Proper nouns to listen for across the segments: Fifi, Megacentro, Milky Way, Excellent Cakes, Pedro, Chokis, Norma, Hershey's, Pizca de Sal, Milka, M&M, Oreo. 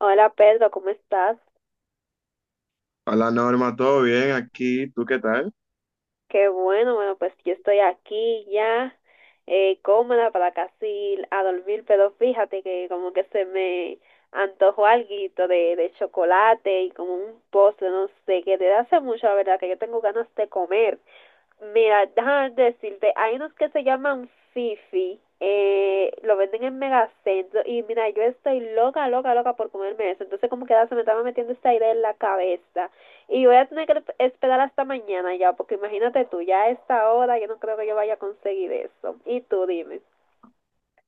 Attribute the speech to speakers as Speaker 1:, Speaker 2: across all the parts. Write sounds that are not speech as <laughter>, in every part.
Speaker 1: Hola Pedro, ¿cómo estás?
Speaker 2: Hola Norma, ¿todo bien aquí? ¿Tú qué tal?
Speaker 1: Qué bueno, bueno, pues yo estoy aquí ya, cómoda para casi a dormir, pero fíjate que como que se me antojó alguito de chocolate y como un postre, no sé, que desde hace mucho, la verdad, que yo tengo ganas de comer. Mira, déjame decirte, hay unos que se llaman Fifi, lo venden en Megacentro y mira, yo estoy loca, loca, loca por comerme eso. Entonces como que ya se me estaba metiendo esta idea en la cabeza y voy a tener que esperar hasta mañana ya, porque imagínate tú, ya a esta hora yo no creo que yo vaya a conseguir eso. Y tú dime.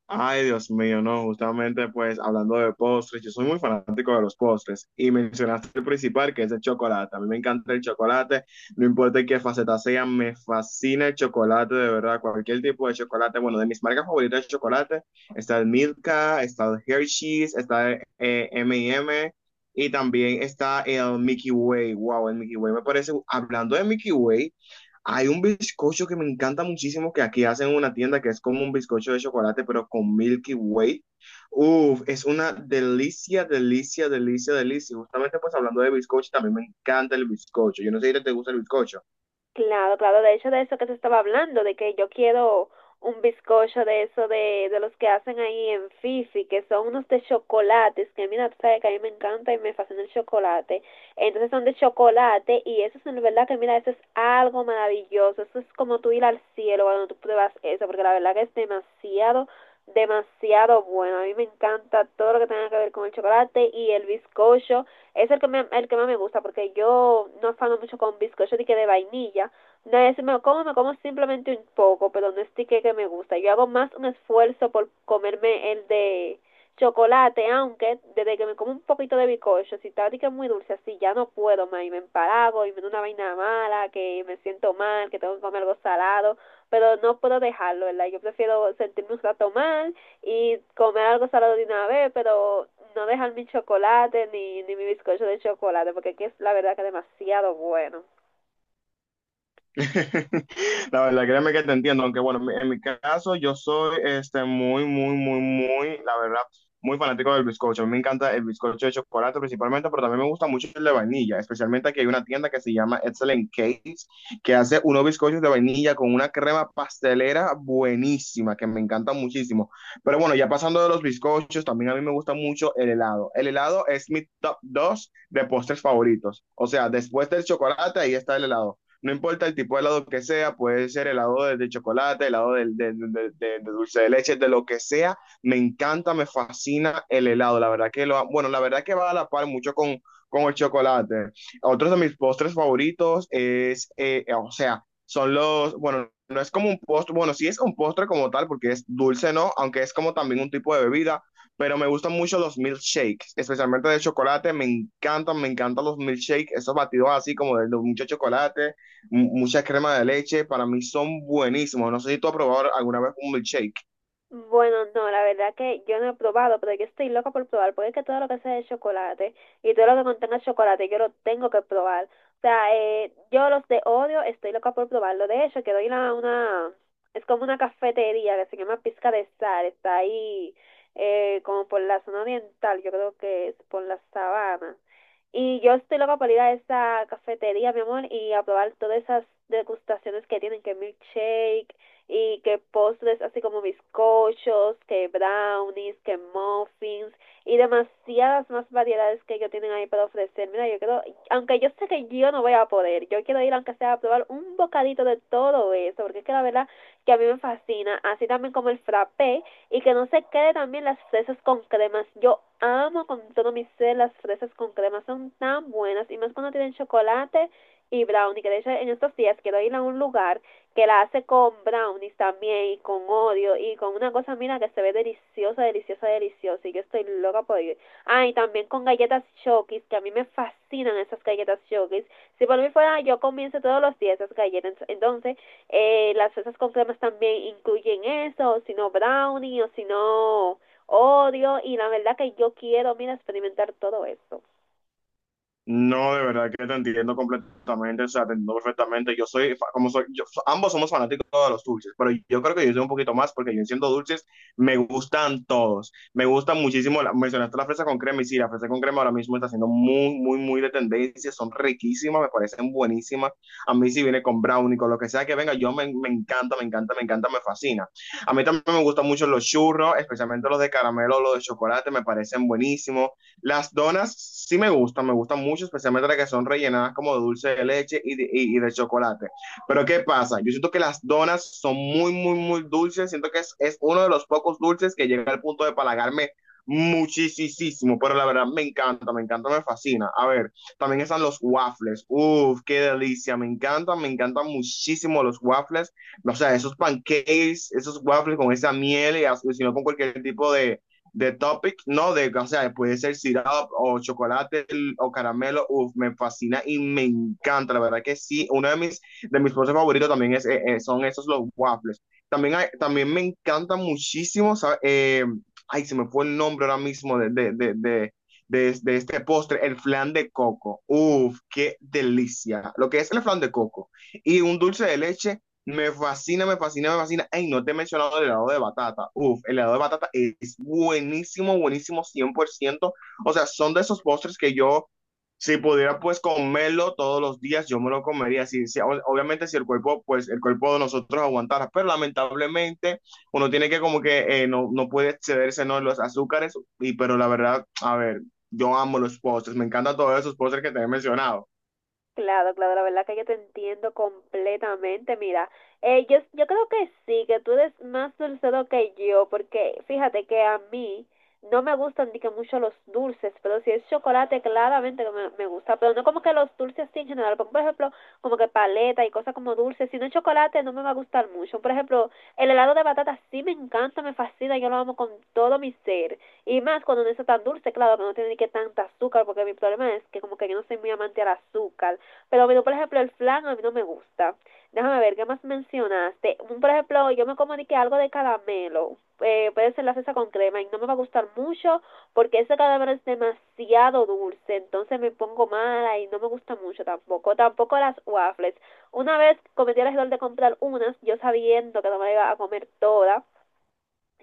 Speaker 2: Ay, Dios mío, no, justamente pues hablando de postres, yo soy muy fanático de los postres y mencionaste el principal que es el chocolate. A mí me encanta el chocolate, no importa en qué faceta sea, me fascina el chocolate, de verdad, cualquier tipo de chocolate. Bueno, de mis marcas favoritas de chocolate está el Milka, está el Hershey's, está el M&M y M y también está el Milky Way. Wow, el Milky Way me parece, hablando de Milky Way. Hay un bizcocho que me encanta muchísimo que aquí hacen en una tienda que es como un bizcocho de chocolate, pero con Milky Way. Uf, es una delicia, delicia, delicia, delicia. Justamente pues hablando de bizcocho, también me encanta el bizcocho. Yo no sé si te gusta el bizcocho.
Speaker 1: Claro, claro, de hecho de eso que te estaba hablando, de que yo quiero un bizcocho de eso de los que hacen ahí en Fifi, que son unos de chocolates, que mira, tú sabes que a mí me encanta y me fascina el chocolate. Entonces son de chocolate y eso es en verdad que mira, eso es algo maravilloso, eso es como tú ir al cielo cuando tú pruebas eso, porque la verdad que es demasiado, demasiado bueno. A mí me encanta todo lo que tenga que ver con el chocolate y el bizcocho es el que más me gusta porque yo no fano mucho con bizcocho de que de vainilla. No es, me lo como, me como simplemente un poco, pero no es que me gusta. Yo hago más un esfuerzo por comerme el de chocolate, aunque desde que me como un poquito de bizcocho, si está que es muy dulce así, ya no puedo más y me empalago y me da una vaina mala, que me siento mal, que tengo que comer algo salado, pero no puedo dejarlo, ¿verdad? Yo prefiero sentirme un rato mal y comer algo salado de una vez, pero no dejar mi chocolate ni mi bizcocho de chocolate, porque aquí es la verdad que es demasiado bueno.
Speaker 2: <laughs> La verdad, créeme que te entiendo, aunque bueno, en mi caso yo soy muy, muy, muy, muy, la verdad, muy fanático del bizcocho. A mí me encanta el bizcocho de chocolate principalmente, pero también me gusta mucho el de vainilla, especialmente aquí hay una tienda que se llama Excellent Cakes, que hace unos bizcochos de vainilla con una crema pastelera buenísima, que me encanta muchísimo. Pero bueno, ya pasando de los bizcochos, también a mí me gusta mucho el helado. El helado es mi top 2 de postres favoritos. O sea, después del chocolate, ahí está el helado. No importa el tipo de helado que sea, puede ser helado de chocolate, helado de dulce de leche, de lo que sea. Me encanta, me fascina el helado. La verdad que lo, bueno, la verdad que va a la par mucho con el chocolate. Otros de mis postres favoritos es, o sea, son los, bueno, no es como un postre, bueno, sí es un postre como tal, porque es dulce, ¿no? Aunque es como también un tipo de bebida pero me gustan mucho los milkshakes, especialmente de chocolate, me encantan los milkshakes, esos batidos así como de mucho chocolate, mucha crema de leche, para mí son buenísimos. No sé si tú has probado alguna vez un milkshake.
Speaker 1: Bueno, no, la verdad que yo no he probado, pero yo estoy loca por probar, porque es que todo lo que sea de chocolate y todo lo que contenga chocolate, yo lo tengo que probar. O sea, yo los de Oreo estoy loca por probarlo. De hecho, quiero ir a una, es como una cafetería que se llama Pizca de Sal, está ahí como por la zona oriental, yo creo que es por la sabana. Y yo estoy loca por ir a esa cafetería, mi amor, y a probar todas esas degustaciones que tienen, que milkshake y que postres así como bizcochos, que brownies, que muffins y demasiadas más variedades que ellos tienen ahí para ofrecer. Mira, yo creo, aunque yo sé que yo no voy a poder, yo quiero ir aunque sea a probar un bocadito de todo eso, porque es que la verdad que a mí me fascina, así también como el frappé y que no se quede también las fresas con cremas. Yo amo con todo mi ser las fresas con cremas son tan buenas y más cuando tienen chocolate y brownie, que de hecho en estos días quiero ir a un lugar que la hace con brownies también y con odio y con una cosa, mira, que se ve deliciosa, deliciosa, deliciosa y yo estoy loca por ello. Ah, y también con galletas Chokis, que a mí me fascinan esas galletas Chokis. Si por mí fuera, yo comienzo todos los días esas galletas. Entonces, las fresas con cremas también incluyen eso, o si no brownie, o si no odio y la verdad que yo quiero, mira, experimentar todo eso.
Speaker 2: No, de verdad que te entiendo completamente, o sea, te entiendo perfectamente. Yo soy, como soy, ambos somos fanáticos de los dulces, pero yo creo que yo soy un poquito más porque yo siendo dulces me gustan todos. Me gustan muchísimo, la, mencionaste la fresa con crema y sí, la fresa con crema ahora mismo está siendo muy, muy, muy de tendencia, son riquísimas, me parecen buenísimas. A mí si viene con brownie, con lo que sea que venga, yo me encanta, me encanta, me encanta, me fascina. A mí también me gustan mucho los churros, especialmente los de caramelo, los de chocolate, me parecen buenísimos. Las donas sí me gustan mucho, especialmente las que son rellenadas como de dulce de leche y de chocolate. Pero ¿qué pasa? Yo siento que las donas son muy, muy, muy dulces. Siento que es uno de los pocos dulces que llega al punto de palagarme muchísimo, pero la verdad me encanta, me encanta, me fascina. A ver, también están los waffles. Uf, qué delicia, me encantan muchísimo los waffles. O sea, esos pancakes, esos waffles con esa miel y sino con cualquier tipo de topic, no de, o sea, puede ser syrup o chocolate o caramelo, uff, me fascina y me encanta, la verdad que sí, uno de mis postres favoritos también es, son esos los waffles. También, hay, también me encanta muchísimo, ay, se me fue el nombre ahora mismo de este postre, el flan de coco. Uff qué delicia. Lo que es el flan de coco. Y un dulce de leche me fascina, me fascina, me fascina. Ay, no te he mencionado el helado de batata. Uf, el helado de batata es buenísimo, buenísimo, 100%. O sea, son de esos postres que yo, si pudiera pues comerlo todos los días, yo me lo comería. Obviamente si el cuerpo, pues el cuerpo de nosotros aguantara, pero lamentablemente uno tiene que como que no, no puede excederse, ¿no? en los azúcares, y, pero la verdad, a ver, yo amo los postres, me encantan todos esos postres que te he mencionado.
Speaker 1: Claro, claro, la verdad que yo te entiendo completamente. Mira, yo creo que sí, que tú eres más dulcero que yo, porque fíjate que a mí no me gustan ni que mucho los dulces, pero si es chocolate, claramente que me gusta, pero no como que los dulces sí en general, por ejemplo, como que paleta y cosas como dulces, si no es chocolate no me va a gustar mucho, por ejemplo, el helado de batata sí me encanta, me fascina, yo lo amo con todo mi ser, y más cuando no es tan dulce, claro, que no tiene ni que tanta azúcar, porque mi problema es que como que yo no soy muy amante al azúcar, pero bueno, por ejemplo, el flan a mí no me gusta. Déjame ver, ¿qué más mencionaste? Un, por ejemplo, yo me comuniqué algo de caramelo. Puede ser la cesa con crema y no me va a gustar mucho porque ese caramelo es demasiado dulce. Entonces me pongo mala y no me gusta mucho tampoco. Tampoco las waffles. Una vez cometí el error de comprar unas, yo sabiendo que no me iba a comer toda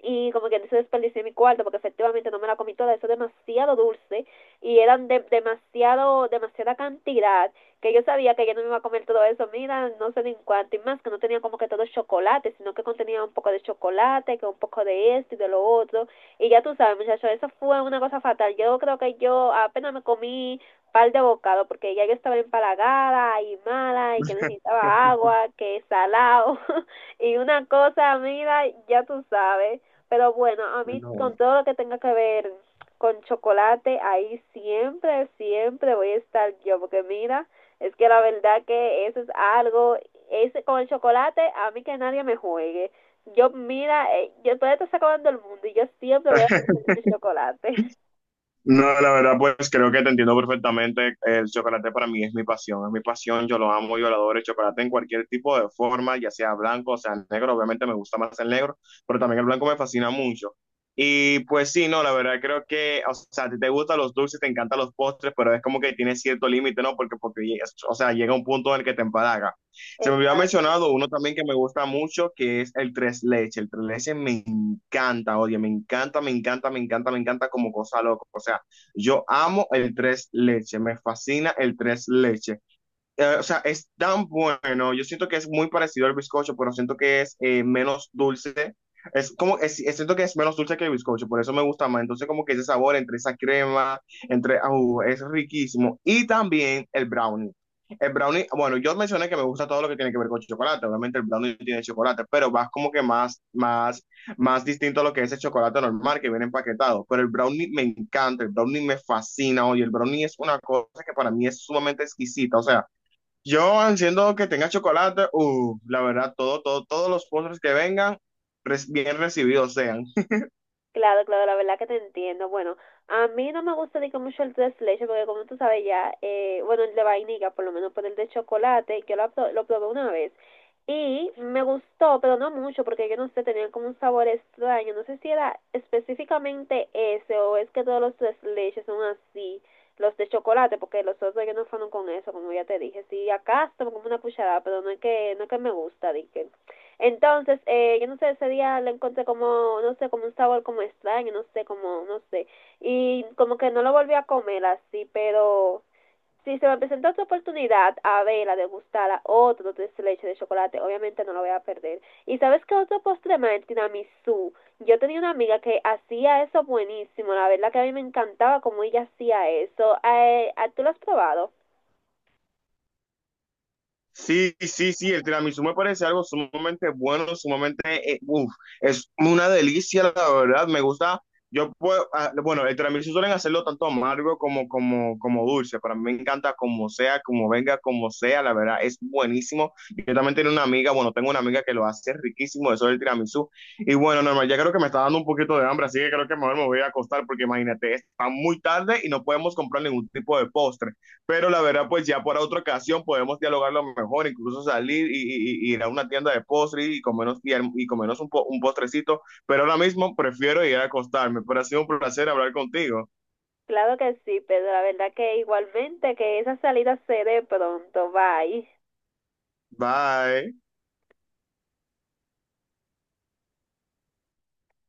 Speaker 1: y como que dice desperdicié mi cuarto porque efectivamente no me la comí toda, eso es demasiado dulce y eran demasiado, demasiada cantidad que yo sabía que yo no me iba a comer todo eso, mira, no sé ni en cuánto y más que no tenía como que todo chocolate, sino que contenía un poco de chocolate, que un poco de esto y de lo otro y ya tú sabes muchachos, eso fue una cosa fatal, yo creo que yo apenas me comí par de bocado porque ya yo estaba empalagada y mala y que
Speaker 2: <laughs>
Speaker 1: necesitaba agua, que salado <laughs> y una cosa, mira, ya tú sabes. Pero bueno, a mí con
Speaker 2: No.
Speaker 1: todo lo que tenga que ver con chocolate, ahí siempre, siempre voy a estar yo, porque mira, es que la verdad que eso es algo, ese con el chocolate, a mí que nadie me juegue. Yo, mira, yo todavía estoy acabando el mundo y yo siempre voy a comer chocolate.
Speaker 2: No, la verdad, pues creo que te entiendo perfectamente. El chocolate para mí es mi pasión, es mi pasión. Yo lo amo, yo lo adoro. El chocolate en cualquier tipo de forma, ya sea blanco, o sea negro. Obviamente me gusta más el negro, pero también el blanco me fascina mucho. Y pues sí, no, la verdad creo que, o sea, a ti te gustan los dulces, te encantan los postres, pero es como que tienes cierto límite, ¿no? Porque, o sea, llega un punto en el que te empalaga.
Speaker 1: <laughs>
Speaker 2: Se me había
Speaker 1: Exacto.
Speaker 2: mencionado uno también que me gusta mucho, que es el tres leche. El tres leche me encanta, oye, me encanta, me encanta, me encanta, me encanta como cosa loca. O sea, yo amo el tres leche, me fascina el tres leche o sea, es tan bueno. Yo siento que es muy parecido al bizcocho, pero siento que es menos dulce. Es como, siento que es menos dulce que el bizcocho, por eso me gusta más. Entonces, como que ese sabor entre esa crema, entre, au, es riquísimo. Y también el brownie. El brownie, bueno, yo mencioné que me gusta todo lo que tiene que ver con chocolate. Obviamente el brownie tiene chocolate, pero vas como que más, más, más distinto a lo que es el chocolate normal que viene empaquetado. Pero el brownie me encanta, el brownie me fascina, oye, el brownie es una cosa que para mí es sumamente exquisita. O sea, yo, siendo que tenga chocolate, la verdad, todo, todo, todos los postres que vengan, bien recibidos sean.
Speaker 1: Claro, claro, la verdad que te entiendo. Bueno, a mí no me gusta digo, mucho el tres leches porque como tú sabes ya, bueno, el de vainilla por lo menos, pero el de chocolate, lo probé una vez y me gustó, pero no mucho porque yo no sé, tenía como un sabor extraño. No sé si era específicamente ese o es que todos los tres leches son así, los de chocolate, porque los otros yo no fueron con eso, como ya te dije. Sí, acá tomo como una cucharada, pero no es que me gusta, dije. Entonces, yo no sé, ese día le encontré como, no sé, como un sabor como extraño, no sé, como, no sé. Y como que no lo volví a comer así, pero si se me presenta otra oportunidad a verla, degustarla, otro tres leche de chocolate, obviamente no lo voy a perder. Y sabes qué otro postre más, el tiramisú. Yo tenía una amiga que hacía eso buenísimo, la verdad que a mí me encantaba como ella hacía eso. ¿Tú lo has probado?
Speaker 2: Sí, sí, sí, el tiramisú me parece algo sumamente bueno, sumamente, uf, es una delicia, la verdad, me gusta, yo puedo, ah, bueno, el tiramisú suelen hacerlo tanto amargo como, como, dulce, para mí me encanta como sea, como venga, como sea, la verdad, es buenísimo, yo también tengo una amiga, bueno, tengo una amiga que lo hace riquísimo, eso del tiramisú, y bueno, normal, ya creo que me está dando un poquito de hambre, así que creo que mejor me voy a acostar, porque imagínate, está muy tarde y no podemos comprar ningún tipo de postre, pero la verdad, pues ya para otra ocasión podemos dialogarlo mejor, incluso salir y, y ir a una tienda de postres y comernos, y comernos un postrecito. Pero ahora mismo prefiero ir a acostarme. Pero ha sido un placer hablar contigo.
Speaker 1: Claro que sí, pero la verdad que igualmente que esa salida se dé pronto, bye.
Speaker 2: Bye.